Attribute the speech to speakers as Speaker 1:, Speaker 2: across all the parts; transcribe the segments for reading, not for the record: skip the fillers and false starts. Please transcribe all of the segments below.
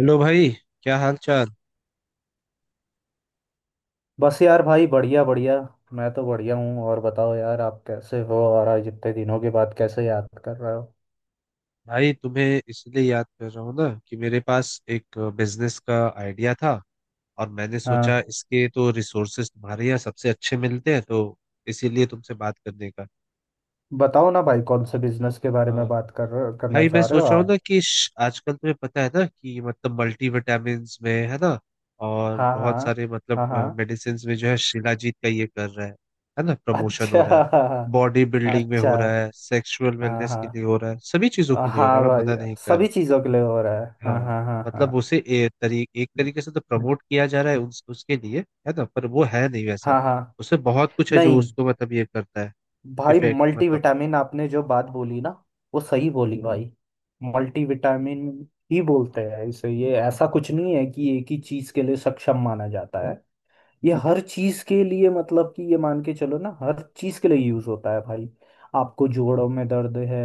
Speaker 1: Hello भाई। क्या हाल चाल।
Speaker 2: बस यार भाई बढ़िया बढ़िया। मैं तो बढ़िया हूँ। और बताओ यार, आप कैसे हो और आज इतने दिनों के बाद कैसे याद कर रहे हो?
Speaker 1: भाई तुम्हें इसलिए याद कर रहा हूँ ना कि मेरे पास एक बिजनेस का आइडिया था। और मैंने
Speaker 2: हाँ,
Speaker 1: सोचा इसके तो रिसोर्सेज तुम्हारे यहाँ सबसे अच्छे मिलते हैं तो इसीलिए तुमसे बात करने का।
Speaker 2: बताओ ना भाई, कौन से बिजनेस के बारे में
Speaker 1: हाँ
Speaker 2: करना
Speaker 1: भाई, मैं
Speaker 2: चाह रहे हो
Speaker 1: सोच रहा हूँ ना
Speaker 2: आप?
Speaker 1: कि आजकल तुम्हें पता है ना कि मतलब मल्टीविटामिन्स में है ना। और
Speaker 2: हाँ
Speaker 1: बहुत
Speaker 2: हाँ
Speaker 1: सारे मतलब
Speaker 2: हाँ हाँ।
Speaker 1: मेडिसिन में जो है, शिलाजीत का ये कर रहा है ना, प्रमोशन हो रहा है।
Speaker 2: अच्छा।
Speaker 1: बॉडी बिल्डिंग में
Speaker 2: अच्छा।
Speaker 1: हो रहा है, सेक्सुअल
Speaker 2: हाँ
Speaker 1: वेलनेस के
Speaker 2: हाँ।
Speaker 1: लिए हो रहा है, सभी चीजों के लिए हो रहा
Speaker 2: हाँ
Speaker 1: है, मैं
Speaker 2: भाई,
Speaker 1: मना नहीं कर
Speaker 2: सभी
Speaker 1: रहा।
Speaker 2: चीज़ों के लिए हो रहा है। हाँ
Speaker 1: हाँ,
Speaker 2: हाँ हाँ
Speaker 1: मतलब
Speaker 2: हाँ।
Speaker 1: उसे एक तरीके से तो प्रमोट किया जा रहा है उसके लिए, है ना, पर वो है नहीं वैसा।
Speaker 2: हाँ हाँ।
Speaker 1: उसे बहुत कुछ है जो
Speaker 2: नहीं
Speaker 1: उसको मतलब ये करता है,
Speaker 2: भाई,
Speaker 1: इफेक्ट मतलब।
Speaker 2: मल्टीविटामिन आपने जो बात बोली ना, वो सही बोली भाई। मल्टीविटामिन ही बोलते हैं इसे। ये ऐसा कुछ नहीं है कि एक ही चीज के लिए सक्षम माना जाता है। ये हर चीज के लिए मतलब कि ये मान के चलो ना, हर चीज के लिए यूज होता है भाई। आपको जोड़ों में दर्द है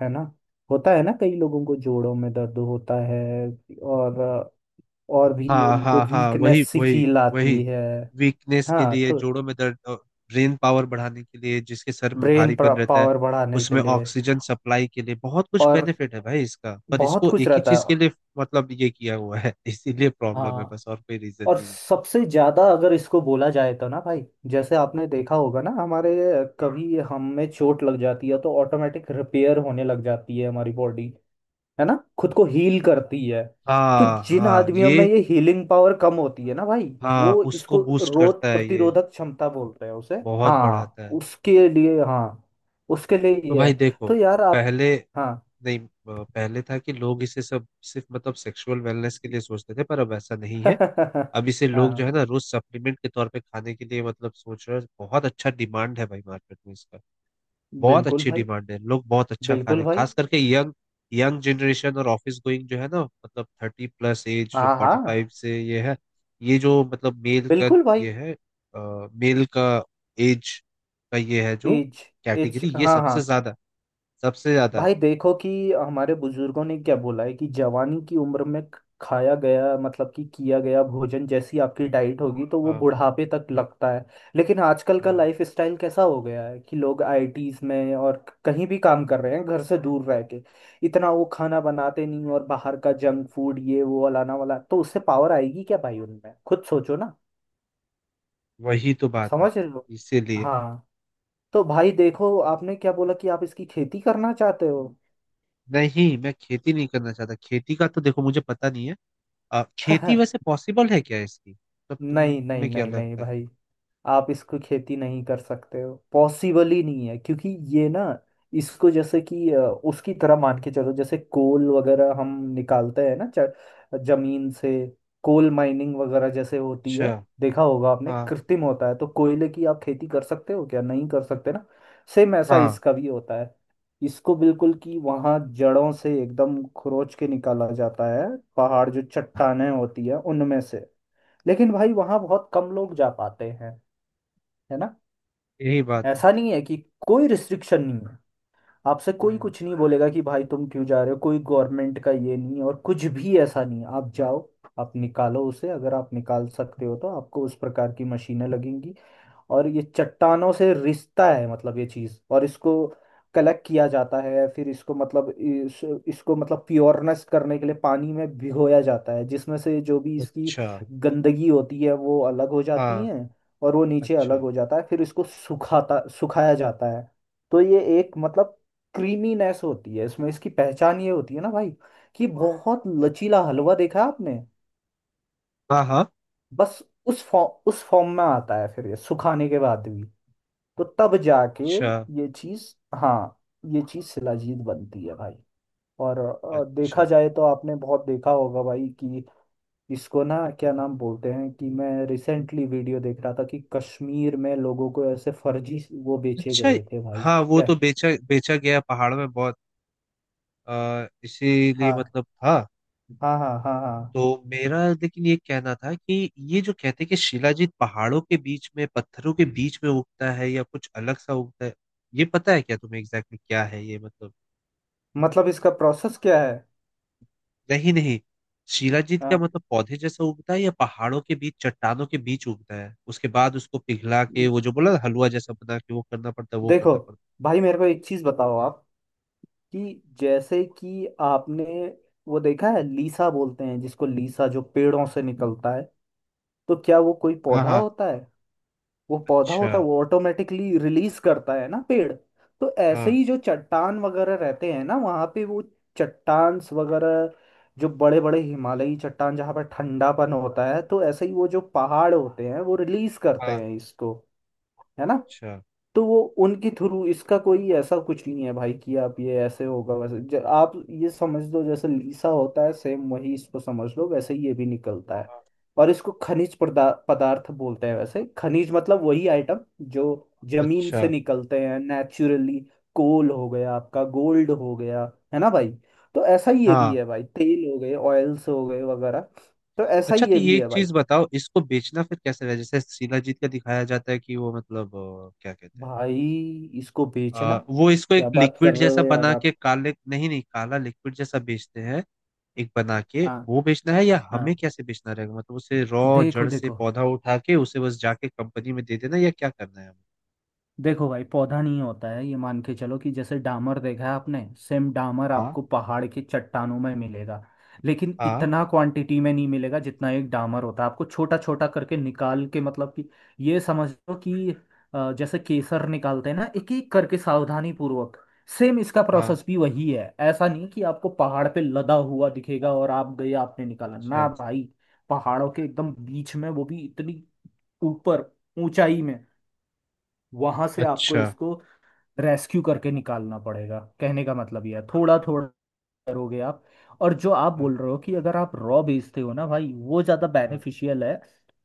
Speaker 2: है ना? होता है ना, कई लोगों को जोड़ों में दर्द होता है। और और भी
Speaker 1: हाँ
Speaker 2: उनको
Speaker 1: हाँ हाँ, वही
Speaker 2: वीकनेस सी
Speaker 1: वही
Speaker 2: फील
Speaker 1: वही।
Speaker 2: आती है।
Speaker 1: वीकनेस के
Speaker 2: हाँ
Speaker 1: लिए,
Speaker 2: तो
Speaker 1: जोड़ों में दर्द, ब्रेन पावर बढ़ाने के लिए, जिसके सर में
Speaker 2: ब्रेन
Speaker 1: भारीपन रहता है
Speaker 2: पावर बढ़ाने के
Speaker 1: उसमें
Speaker 2: लिए
Speaker 1: ऑक्सीजन सप्लाई के लिए, बहुत कुछ
Speaker 2: और
Speaker 1: बेनिफिट है भाई इसका। पर
Speaker 2: बहुत
Speaker 1: इसको
Speaker 2: कुछ
Speaker 1: एक ही
Speaker 2: रहता है।
Speaker 1: चीज के लिए मतलब ये किया हुआ है इसीलिए प्रॉब्लम है,
Speaker 2: हाँ,
Speaker 1: बस और कोई रीजन
Speaker 2: और
Speaker 1: नहीं है।
Speaker 2: सबसे ज्यादा अगर इसको बोला जाए तो ना भाई, जैसे आपने देखा होगा ना हमारे, कभी हमें चोट लग जाती है तो ऑटोमेटिक रिपेयर होने लग जाती है हमारी बॉडी, है ना? खुद को हील करती है। तो
Speaker 1: हाँ
Speaker 2: जिन
Speaker 1: हाँ,
Speaker 2: आदमियों में
Speaker 1: ये।
Speaker 2: ये हीलिंग पावर कम होती है ना भाई,
Speaker 1: हाँ,
Speaker 2: वो
Speaker 1: उसको
Speaker 2: इसको
Speaker 1: बूस्ट
Speaker 2: रोग
Speaker 1: करता है ये,
Speaker 2: प्रतिरोधक क्षमता बोलते हैं उसे।
Speaker 1: बहुत
Speaker 2: हाँ
Speaker 1: बढ़ाता है।
Speaker 2: उसके लिए, हाँ उसके लिए
Speaker 1: तो
Speaker 2: ये
Speaker 1: भाई
Speaker 2: है।
Speaker 1: देखो,
Speaker 2: तो यार आप,
Speaker 1: पहले,
Speaker 2: हाँ।
Speaker 1: नहीं अ, पहले था कि लोग इसे सब सिर्फ मतलब सेक्सुअल वेलनेस के लिए सोचते थे, पर अब ऐसा नहीं है। अब इसे लोग जो
Speaker 2: हाँ,
Speaker 1: है ना, रोज सप्लीमेंट के तौर पे खाने के लिए मतलब सोच रहे हैं। बहुत अच्छा डिमांड है भाई मार्केट में इसका, बहुत
Speaker 2: बिल्कुल
Speaker 1: अच्छी
Speaker 2: भाई।
Speaker 1: डिमांड है। लोग बहुत अच्छा खा रहे
Speaker 2: बिल्कुल
Speaker 1: हैं,
Speaker 2: भाई।
Speaker 1: खास करके यंग, यंग जनरेशन और ऑफिस गोइंग जो है ना, मतलब थर्टी प्लस एज, जो
Speaker 2: हाँ
Speaker 1: फोर्टी
Speaker 2: हाँ।
Speaker 1: फाइव से ये है। ये जो मतलब मेल का
Speaker 2: बिल्कुल भाई।
Speaker 1: ये है, मेल का एज का ये है, जो
Speaker 2: एज। एज।
Speaker 1: कैटेगरी, ये
Speaker 2: हाँ हाँ।
Speaker 1: सबसे ज्यादा, सबसे ज्यादा।
Speaker 2: भाई देखो कि हमारे बुजुर्गों ने क्या बोला है कि जवानी की उम्र में खाया गया मतलब कि किया गया भोजन जैसी आपकी डाइट होगी तो वो
Speaker 1: हाँ
Speaker 2: बुढ़ापे तक लगता है। लेकिन आजकल का
Speaker 1: हाँ,
Speaker 2: लाइफ स्टाइल कैसा हो गया है कि लोग आईटीज में और कहीं भी काम कर रहे हैं घर से दूर रह के। इतना वो खाना बनाते नहीं और बाहर का जंक फूड ये वो अलाना वाला, तो उससे पावर आएगी क्या भाई उनमें? खुद सोचो ना।
Speaker 1: वही तो बात है,
Speaker 2: समझ रहे हो?
Speaker 1: इसीलिए।
Speaker 2: हाँ। तो भाई देखो, आपने क्या बोला कि आप इसकी खेती करना चाहते हो?
Speaker 1: नहीं, मैं खेती नहीं करना चाहता। खेती का तो देखो मुझे पता नहीं है। खेती वैसे पॉसिबल है क्या इसकी। तब
Speaker 2: नहीं नहीं
Speaker 1: तुम्हें क्या
Speaker 2: नहीं नहीं
Speaker 1: लगता है।
Speaker 2: भाई, आप इसको खेती नहीं कर सकते हो, पॉसिबल ही नहीं है, क्योंकि ये ना, इसको जैसे कि उसकी तरह मान के चलो जैसे कोल वगैरह हम निकालते हैं ना, जमीन से, कोल माइनिंग वगैरह जैसे होती
Speaker 1: अच्छा।
Speaker 2: है, देखा होगा आपने।
Speaker 1: हाँ
Speaker 2: कृत्रिम होता है, तो कोयले की आप खेती कर सकते हो क्या? नहीं कर सकते ना। सेम ऐसा
Speaker 1: हाँ,
Speaker 2: इसका भी होता है। इसको बिल्कुल कि वहाँ जड़ों से एकदम खरोच के निकाला जाता है, पहाड़ जो चट्टानें होती है उनमें से। लेकिन भाई वहाँ बहुत कम लोग जा पाते हैं, है ना?
Speaker 1: यही बात है।
Speaker 2: ऐसा नहीं है कि कोई रिस्ट्रिक्शन नहीं है, आपसे कोई
Speaker 1: हम्म।
Speaker 2: कुछ नहीं बोलेगा कि भाई तुम क्यों जा रहे हो, कोई गवर्नमेंट का ये नहीं है और कुछ भी ऐसा नहीं है, आप जाओ, आप निकालो उसे। अगर आप निकाल सकते हो तो आपको उस प्रकार की मशीनें लगेंगी, और ये चट्टानों से रिश्ता है मतलब ये चीज, और इसको कलेक्ट किया जाता है, फिर इसको मतलब इसको मतलब प्योरनेस करने के लिए पानी में भिगोया जाता है, जिसमें से जो भी इसकी
Speaker 1: अच्छा।
Speaker 2: गंदगी होती है वो अलग हो जाती
Speaker 1: हाँ।
Speaker 2: है, और वो नीचे अलग
Speaker 1: अच्छा।
Speaker 2: हो जाता है। फिर इसको सुखाता सुखाया जाता है। तो ये एक मतलब क्रीमीनेस होती है इसमें, इसकी पहचान ये होती है ना भाई, कि बहुत लचीला हलवा देखा है आपने,
Speaker 1: हाँ हाँ।
Speaker 2: बस उस फॉर्म में आता है फिर ये सुखाने के बाद भी। तो तब जाके
Speaker 1: अच्छा।
Speaker 2: ये चीज, हाँ, ये चीज शिलाजीत बनती है भाई। और देखा
Speaker 1: अच्छा।
Speaker 2: जाए तो आपने बहुत देखा होगा भाई कि इसको ना क्या नाम बोलते हैं, कि मैं रिसेंटली वीडियो देख रहा था कि कश्मीर में लोगों को ऐसे फर्जी वो बेचे
Speaker 1: अच्छा।
Speaker 2: गए थे भाई
Speaker 1: हाँ, वो
Speaker 2: क्या।
Speaker 1: तो बेचा बेचा गया पहाड़ में बहुत। इसीलिए
Speaker 2: हाँ
Speaker 1: मतलब था।
Speaker 2: हाँ हाँ हाँ। हाँ,
Speaker 1: तो मेरा लेकिन ये कहना था कि ये जो कहते हैं कि शिलाजीत पहाड़ों के बीच में पत्थरों के बीच में उगता है, या कुछ अलग सा उगता है, ये पता है क्या तुम्हें एग्जैक्टली exactly क्या है ये मतलब।
Speaker 2: मतलब इसका प्रोसेस क्या है।
Speaker 1: नहीं नहीं, शिलाजीत क्या
Speaker 2: हाँ
Speaker 1: मतलब पौधे जैसा उगता है, या पहाड़ों के बीच चट्टानों के बीच उगता है, उसके बाद उसको पिघला के वो जो बोला ना, हलवा जैसा बना के वो करना पड़ता है, वो
Speaker 2: देखो
Speaker 1: करना पड़ता
Speaker 2: भाई, मेरे को एक चीज बताओ आप, कि जैसे कि आपने वो देखा है लीसा बोलते हैं जिसको, लीसा जो पेड़ों से निकलता है, तो क्या वो कोई
Speaker 1: है। हाँ
Speaker 2: पौधा
Speaker 1: हाँ, है।
Speaker 2: होता है? वो पौधा
Speaker 1: अच्छा।
Speaker 2: होता है, वो ऑटोमेटिकली रिलीज करता है ना पेड़। तो ऐसे
Speaker 1: हाँ
Speaker 2: ही जो चट्टान वगैरह रहते हैं ना वहाँ पे, वो चट्टान वगैरह जो बड़े बड़े हिमालयी चट्टान जहाँ पर ठंडापन होता है, तो ऐसे ही वो जो पहाड़ होते हैं वो रिलीज करते
Speaker 1: हाँ।
Speaker 2: हैं इसको, है ना?
Speaker 1: अच्छा।
Speaker 2: तो वो उनके थ्रू, इसका कोई ऐसा कुछ नहीं है भाई कि आप ये ऐसे होगा वैसे आप ये समझ लो जैसे लीसा होता है, सेम वही इसको समझ लो, वैसे ही ये भी निकलता है।
Speaker 1: हाँ।
Speaker 2: और इसको खनिज पदार्थ बोलते हैं वैसे। खनिज मतलब वही आइटम जो जमीन
Speaker 1: अच्छा।
Speaker 2: से निकलते हैं नेचुरली। कोल हो गया आपका, गोल्ड हो गया, है ना भाई? तो ऐसा ही ये भी
Speaker 1: हाँ।
Speaker 2: है भाई, तेल हो गए, ऑयल्स हो गए वगैरह, तो ऐसा
Speaker 1: अच्छा।
Speaker 2: ही
Speaker 1: तो
Speaker 2: ये
Speaker 1: ये
Speaker 2: भी
Speaker 1: एक
Speaker 2: है भाई।
Speaker 1: चीज बताओ, इसको बेचना फिर कैसे रहा। जैसे शिलाजीत का दिखाया जाता है कि वो मतलब, क्या कहते हैं,
Speaker 2: भाई इसको बेचना,
Speaker 1: वो इसको एक
Speaker 2: क्या बात कर
Speaker 1: लिक्विड
Speaker 2: रहे
Speaker 1: जैसा
Speaker 2: हो यार
Speaker 1: बना के,
Speaker 2: आप।
Speaker 1: काले, नहीं नहीं, काला लिक्विड जैसा बेचते हैं, एक बना के
Speaker 2: हाँ
Speaker 1: वो बेचना है, या
Speaker 2: हाँ।
Speaker 1: हमें कैसे बेचना रहेगा। मतलब उसे रॉ,
Speaker 2: देखो
Speaker 1: जड़ से
Speaker 2: देखो
Speaker 1: पौधा उठा के उसे बस जाके कंपनी में दे देना, या क्या करना है हमें।
Speaker 2: देखो भाई, पौधा नहीं होता है ये, मान के चलो कि जैसे डामर देखा है आपने, सेम डामर
Speaker 1: हाँ
Speaker 2: आपको पहाड़ के चट्टानों में मिलेगा, लेकिन
Speaker 1: हाँ
Speaker 2: इतना क्वांटिटी में नहीं मिलेगा जितना एक डामर होता है। आपको छोटा छोटा करके निकाल के, मतलब कि ये समझ लो कि जैसे केसर निकालते हैं ना एक एक करके सावधानी पूर्वक, सेम इसका
Speaker 1: हाँ।
Speaker 2: प्रोसेस भी वही है। ऐसा नहीं कि आपको पहाड़ पे लदा हुआ दिखेगा और आप गए आपने निकाला,
Speaker 1: अच्छा।
Speaker 2: ना भाई। पहाड़ों के एकदम बीच में, वो भी इतनी ऊपर ऊंचाई में, वहां से आपको
Speaker 1: अच्छा।
Speaker 2: इसको रेस्क्यू करके निकालना पड़ेगा, कहने का मतलब यह है। थोड़ा थोड़ा करोगे आप। और जो आप
Speaker 1: हाँ
Speaker 2: बोल रहे हो कि अगर आप रॉ बेचते हो ना भाई, वो ज़्यादा
Speaker 1: हाँ।
Speaker 2: बेनिफिशियल है,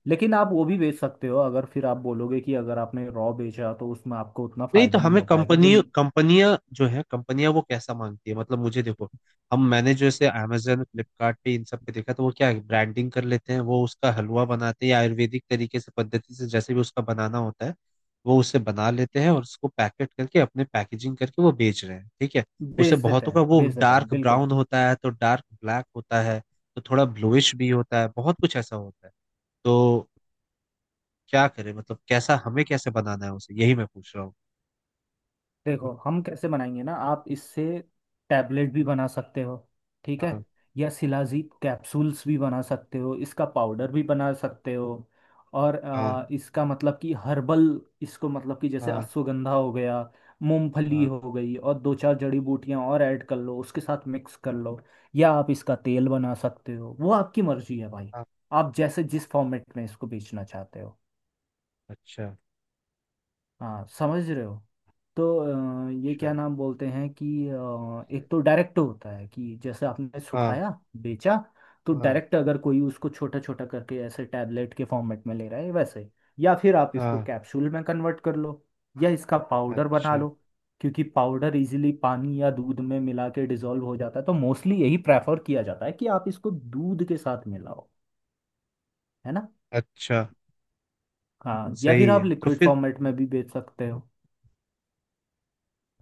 Speaker 2: लेकिन आप वो भी बेच सकते हो, अगर फिर आप बोलोगे कि अगर आपने रॉ बेचा तो उसमें आपको उतना
Speaker 1: नहीं तो
Speaker 2: फायदा नहीं
Speaker 1: हमें
Speaker 2: हो पाएगा जो,
Speaker 1: कंपनी कंपनियां जो है, कंपनियां वो कैसा मांगती है मतलब। मुझे देखो, हम मैंने जो ऐसे amazon फ्लिपकार्ट पे इन सब पे देखा, तो वो क्या है, ब्रांडिंग कर लेते हैं, वो उसका हलवा बनाते हैं, या आयुर्वेदिक तरीके से, पद्धति से, जैसे भी उसका बनाना होता है वो उसे बना लेते हैं, और उसको पैकेट करके, अपने पैकेजिंग करके वो बेच रहे हैं, ठीक है। उसे बहुतों का वो
Speaker 2: बेच देते हैं
Speaker 1: डार्क
Speaker 2: बिल्कुल।
Speaker 1: ब्राउन होता है, तो डार्क ब्लैक होता है, तो थोड़ा ब्लूइश भी होता है, बहुत कुछ ऐसा होता है। तो क्या करें मतलब, कैसा, हमें कैसे बनाना है उसे, यही मैं पूछ रहा
Speaker 2: देखो, हम कैसे बनाएंगे ना, आप इससे टैबलेट भी बना सकते हो, ठीक है?
Speaker 1: हूँ।
Speaker 2: या शिलाजीत कैप्सूल्स भी बना सकते हो, इसका पाउडर भी बना सकते हो, और
Speaker 1: हाँ
Speaker 2: इसका मतलब कि हर्बल, इसको मतलब कि जैसे
Speaker 1: हाँ
Speaker 2: अश्वगंधा हो गया, मूंगफली
Speaker 1: हाँ
Speaker 2: हो गई, और दो चार जड़ी बूटियां और ऐड कर लो, उसके साथ मिक्स कर लो, या आप इसका तेल बना सकते हो, वो आपकी मर्जी है भाई,
Speaker 1: हाँ।
Speaker 2: आप जैसे जिस फॉर्मेट में इसको बेचना चाहते हो।
Speaker 1: अच्छा।
Speaker 2: हाँ, समझ रहे हो। तो ये
Speaker 1: अच्छा।
Speaker 2: क्या नाम बोलते हैं कि एक तो डायरेक्ट होता है कि जैसे आपने
Speaker 1: हाँ
Speaker 2: सुखाया बेचा, तो
Speaker 1: हाँ
Speaker 2: डायरेक्ट अगर कोई उसको छोटा छोटा करके ऐसे टैबलेट के फॉर्मेट में ले रहा है वैसे, या फिर आप इसको
Speaker 1: हाँ।
Speaker 2: कैप्सूल में कन्वर्ट कर लो, या इसका पाउडर बना
Speaker 1: अच्छा।
Speaker 2: लो, क्योंकि पाउडर इजीली पानी या दूध में मिला के डिजोल्व हो जाता है, तो मोस्टली यही प्रेफर किया जाता है कि आप इसको दूध के साथ मिलाओ, है ना?
Speaker 1: अच्छा।
Speaker 2: हाँ, या फिर
Speaker 1: सही
Speaker 2: आप
Speaker 1: है, तो
Speaker 2: लिक्विड
Speaker 1: फिर।
Speaker 2: फॉर्मेट में भी बेच सकते हो।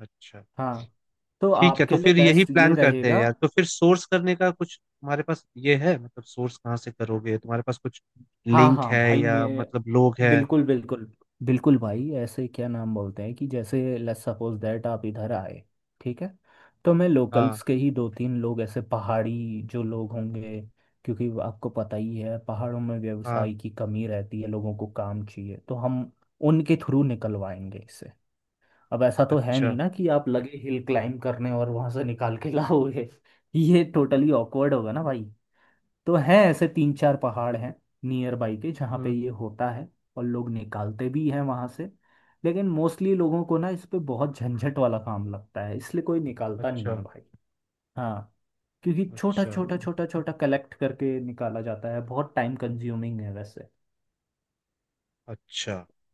Speaker 1: अच्छा।
Speaker 2: हाँ, तो
Speaker 1: ठीक है, तो
Speaker 2: आपके लिए
Speaker 1: फिर यही
Speaker 2: बेस्ट ये
Speaker 1: प्लान करते हैं
Speaker 2: रहेगा।
Speaker 1: यार। तो फिर सोर्स करने का कुछ तुम्हारे पास ये है, मतलब सोर्स कहाँ से करोगे, तुम्हारे पास कुछ
Speaker 2: हाँ
Speaker 1: लिंक
Speaker 2: हाँ
Speaker 1: है,
Speaker 2: भाई,
Speaker 1: या
Speaker 2: मैं
Speaker 1: मतलब लोग हैं।
Speaker 2: बिल्कुल बिल्कुल, बिल्कुल भाई। ऐसे क्या नाम बोलते हैं कि जैसे लेट्स सपोज दैट आप इधर आए, ठीक है? तो मैं
Speaker 1: हाँ
Speaker 2: लोकल्स के ही दो तीन लोग ऐसे पहाड़ी जो लोग होंगे, क्योंकि वो आपको पता ही है पहाड़ों में
Speaker 1: हाँ।
Speaker 2: व्यवसाय की कमी रहती है, लोगों को काम चाहिए, तो हम उनके थ्रू निकलवाएंगे इसे। अब ऐसा तो है
Speaker 1: अच्छा।
Speaker 2: नहीं ना कि आप लगे हिल क्लाइंब करने और वहां से निकाल के लाओगे, ये टोटली ऑकवर्ड होगा ना भाई। तो हैं ऐसे तीन चार पहाड़ हैं नियर बाई के जहाँ पे
Speaker 1: हम्म।
Speaker 2: ये होता है और लोग निकालते भी हैं वहाँ से, लेकिन मोस्टली लोगों को ना इस पे बहुत झंझट वाला काम लगता है, इसलिए कोई निकालता नहीं
Speaker 1: अच्छा।
Speaker 2: है भाई। हाँ, क्योंकि छोटा
Speaker 1: अच्छा।
Speaker 2: छोटा छोटा छोटा कलेक्ट करके निकाला जाता है, बहुत टाइम कंज्यूमिंग है वैसे।
Speaker 1: अच्छा। तो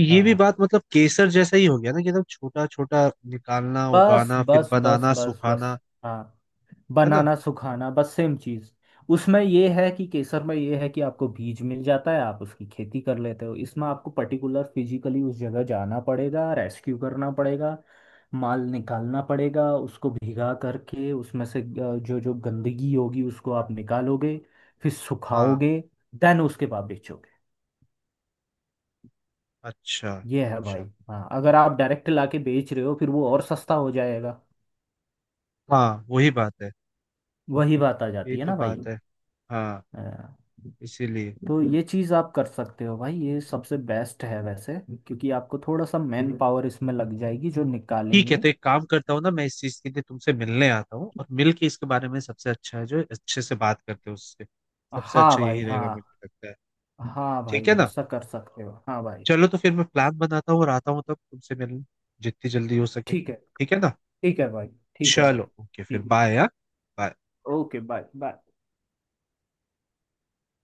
Speaker 1: ये भी
Speaker 2: हाँ,
Speaker 1: बात, मतलब केसर जैसा ही हो गया ना, कि एकदम छोटा छोटा निकालना,
Speaker 2: बस
Speaker 1: उगाना, फिर
Speaker 2: बस बस
Speaker 1: बनाना,
Speaker 2: बस
Speaker 1: सुखाना,
Speaker 2: बस। हाँ,
Speaker 1: है ना।
Speaker 2: बनाना सुखाना, बस सेम चीज। उसमें ये है कि केसर में ये है कि आपको बीज मिल जाता है, आप उसकी खेती कर लेते हो, इसमें आपको पर्टिकुलर फिजिकली उस जगह जाना पड़ेगा, रेस्क्यू करना पड़ेगा, माल निकालना पड़ेगा, उसको भीगा करके उसमें से जो जो गंदगी होगी उसको आप निकालोगे, फिर
Speaker 1: हाँ।
Speaker 2: सुखाओगे, देन उसके बाद बेचोगे।
Speaker 1: अच्छा।
Speaker 2: ये है भाई।
Speaker 1: अच्छा।
Speaker 2: हाँ, अगर आप डायरेक्ट लाके बेच रहे हो फिर वो और सस्ता हो जाएगा,
Speaker 1: हाँ, वही बात है,
Speaker 2: वही बात आ
Speaker 1: यही
Speaker 2: जाती है
Speaker 1: तो
Speaker 2: ना भाई।
Speaker 1: बात है। हाँ,
Speaker 2: हाँ,
Speaker 1: इसीलिए।
Speaker 2: तो ये चीज़ आप कर सकते हो भाई, ये सबसे बेस्ट है वैसे, क्योंकि आपको थोड़ा सा मैन पावर इसमें लग जाएगी जो
Speaker 1: ठीक है,
Speaker 2: निकालेंगे।
Speaker 1: तो एक काम करता हूँ ना, मैं इस चीज के लिए तुमसे मिलने आता हूँ, और मिल के इसके बारे में, सबसे अच्छा है जो अच्छे से बात करते हैं उससे, सबसे
Speaker 2: हाँ
Speaker 1: अच्छा यही
Speaker 2: भाई।
Speaker 1: रहेगा
Speaker 2: हाँ
Speaker 1: मुझे लगता है।
Speaker 2: हाँ
Speaker 1: ठीक
Speaker 2: भाई,
Speaker 1: है ना।
Speaker 2: ऐसा कर सकते हो। हाँ भाई,
Speaker 1: चलो, तो फिर मैं प्लान बनाता हूँ और आता हूँ तब तुमसे मिलने, जितनी जल्दी हो सके,
Speaker 2: ठीक है।
Speaker 1: ठीक है ना।
Speaker 2: ठीक है भाई। ठीक है भाई।
Speaker 1: चलो ओके, फिर
Speaker 2: ठीक है।
Speaker 1: बाय। हाँ, बाय।
Speaker 2: Okay, bye bye.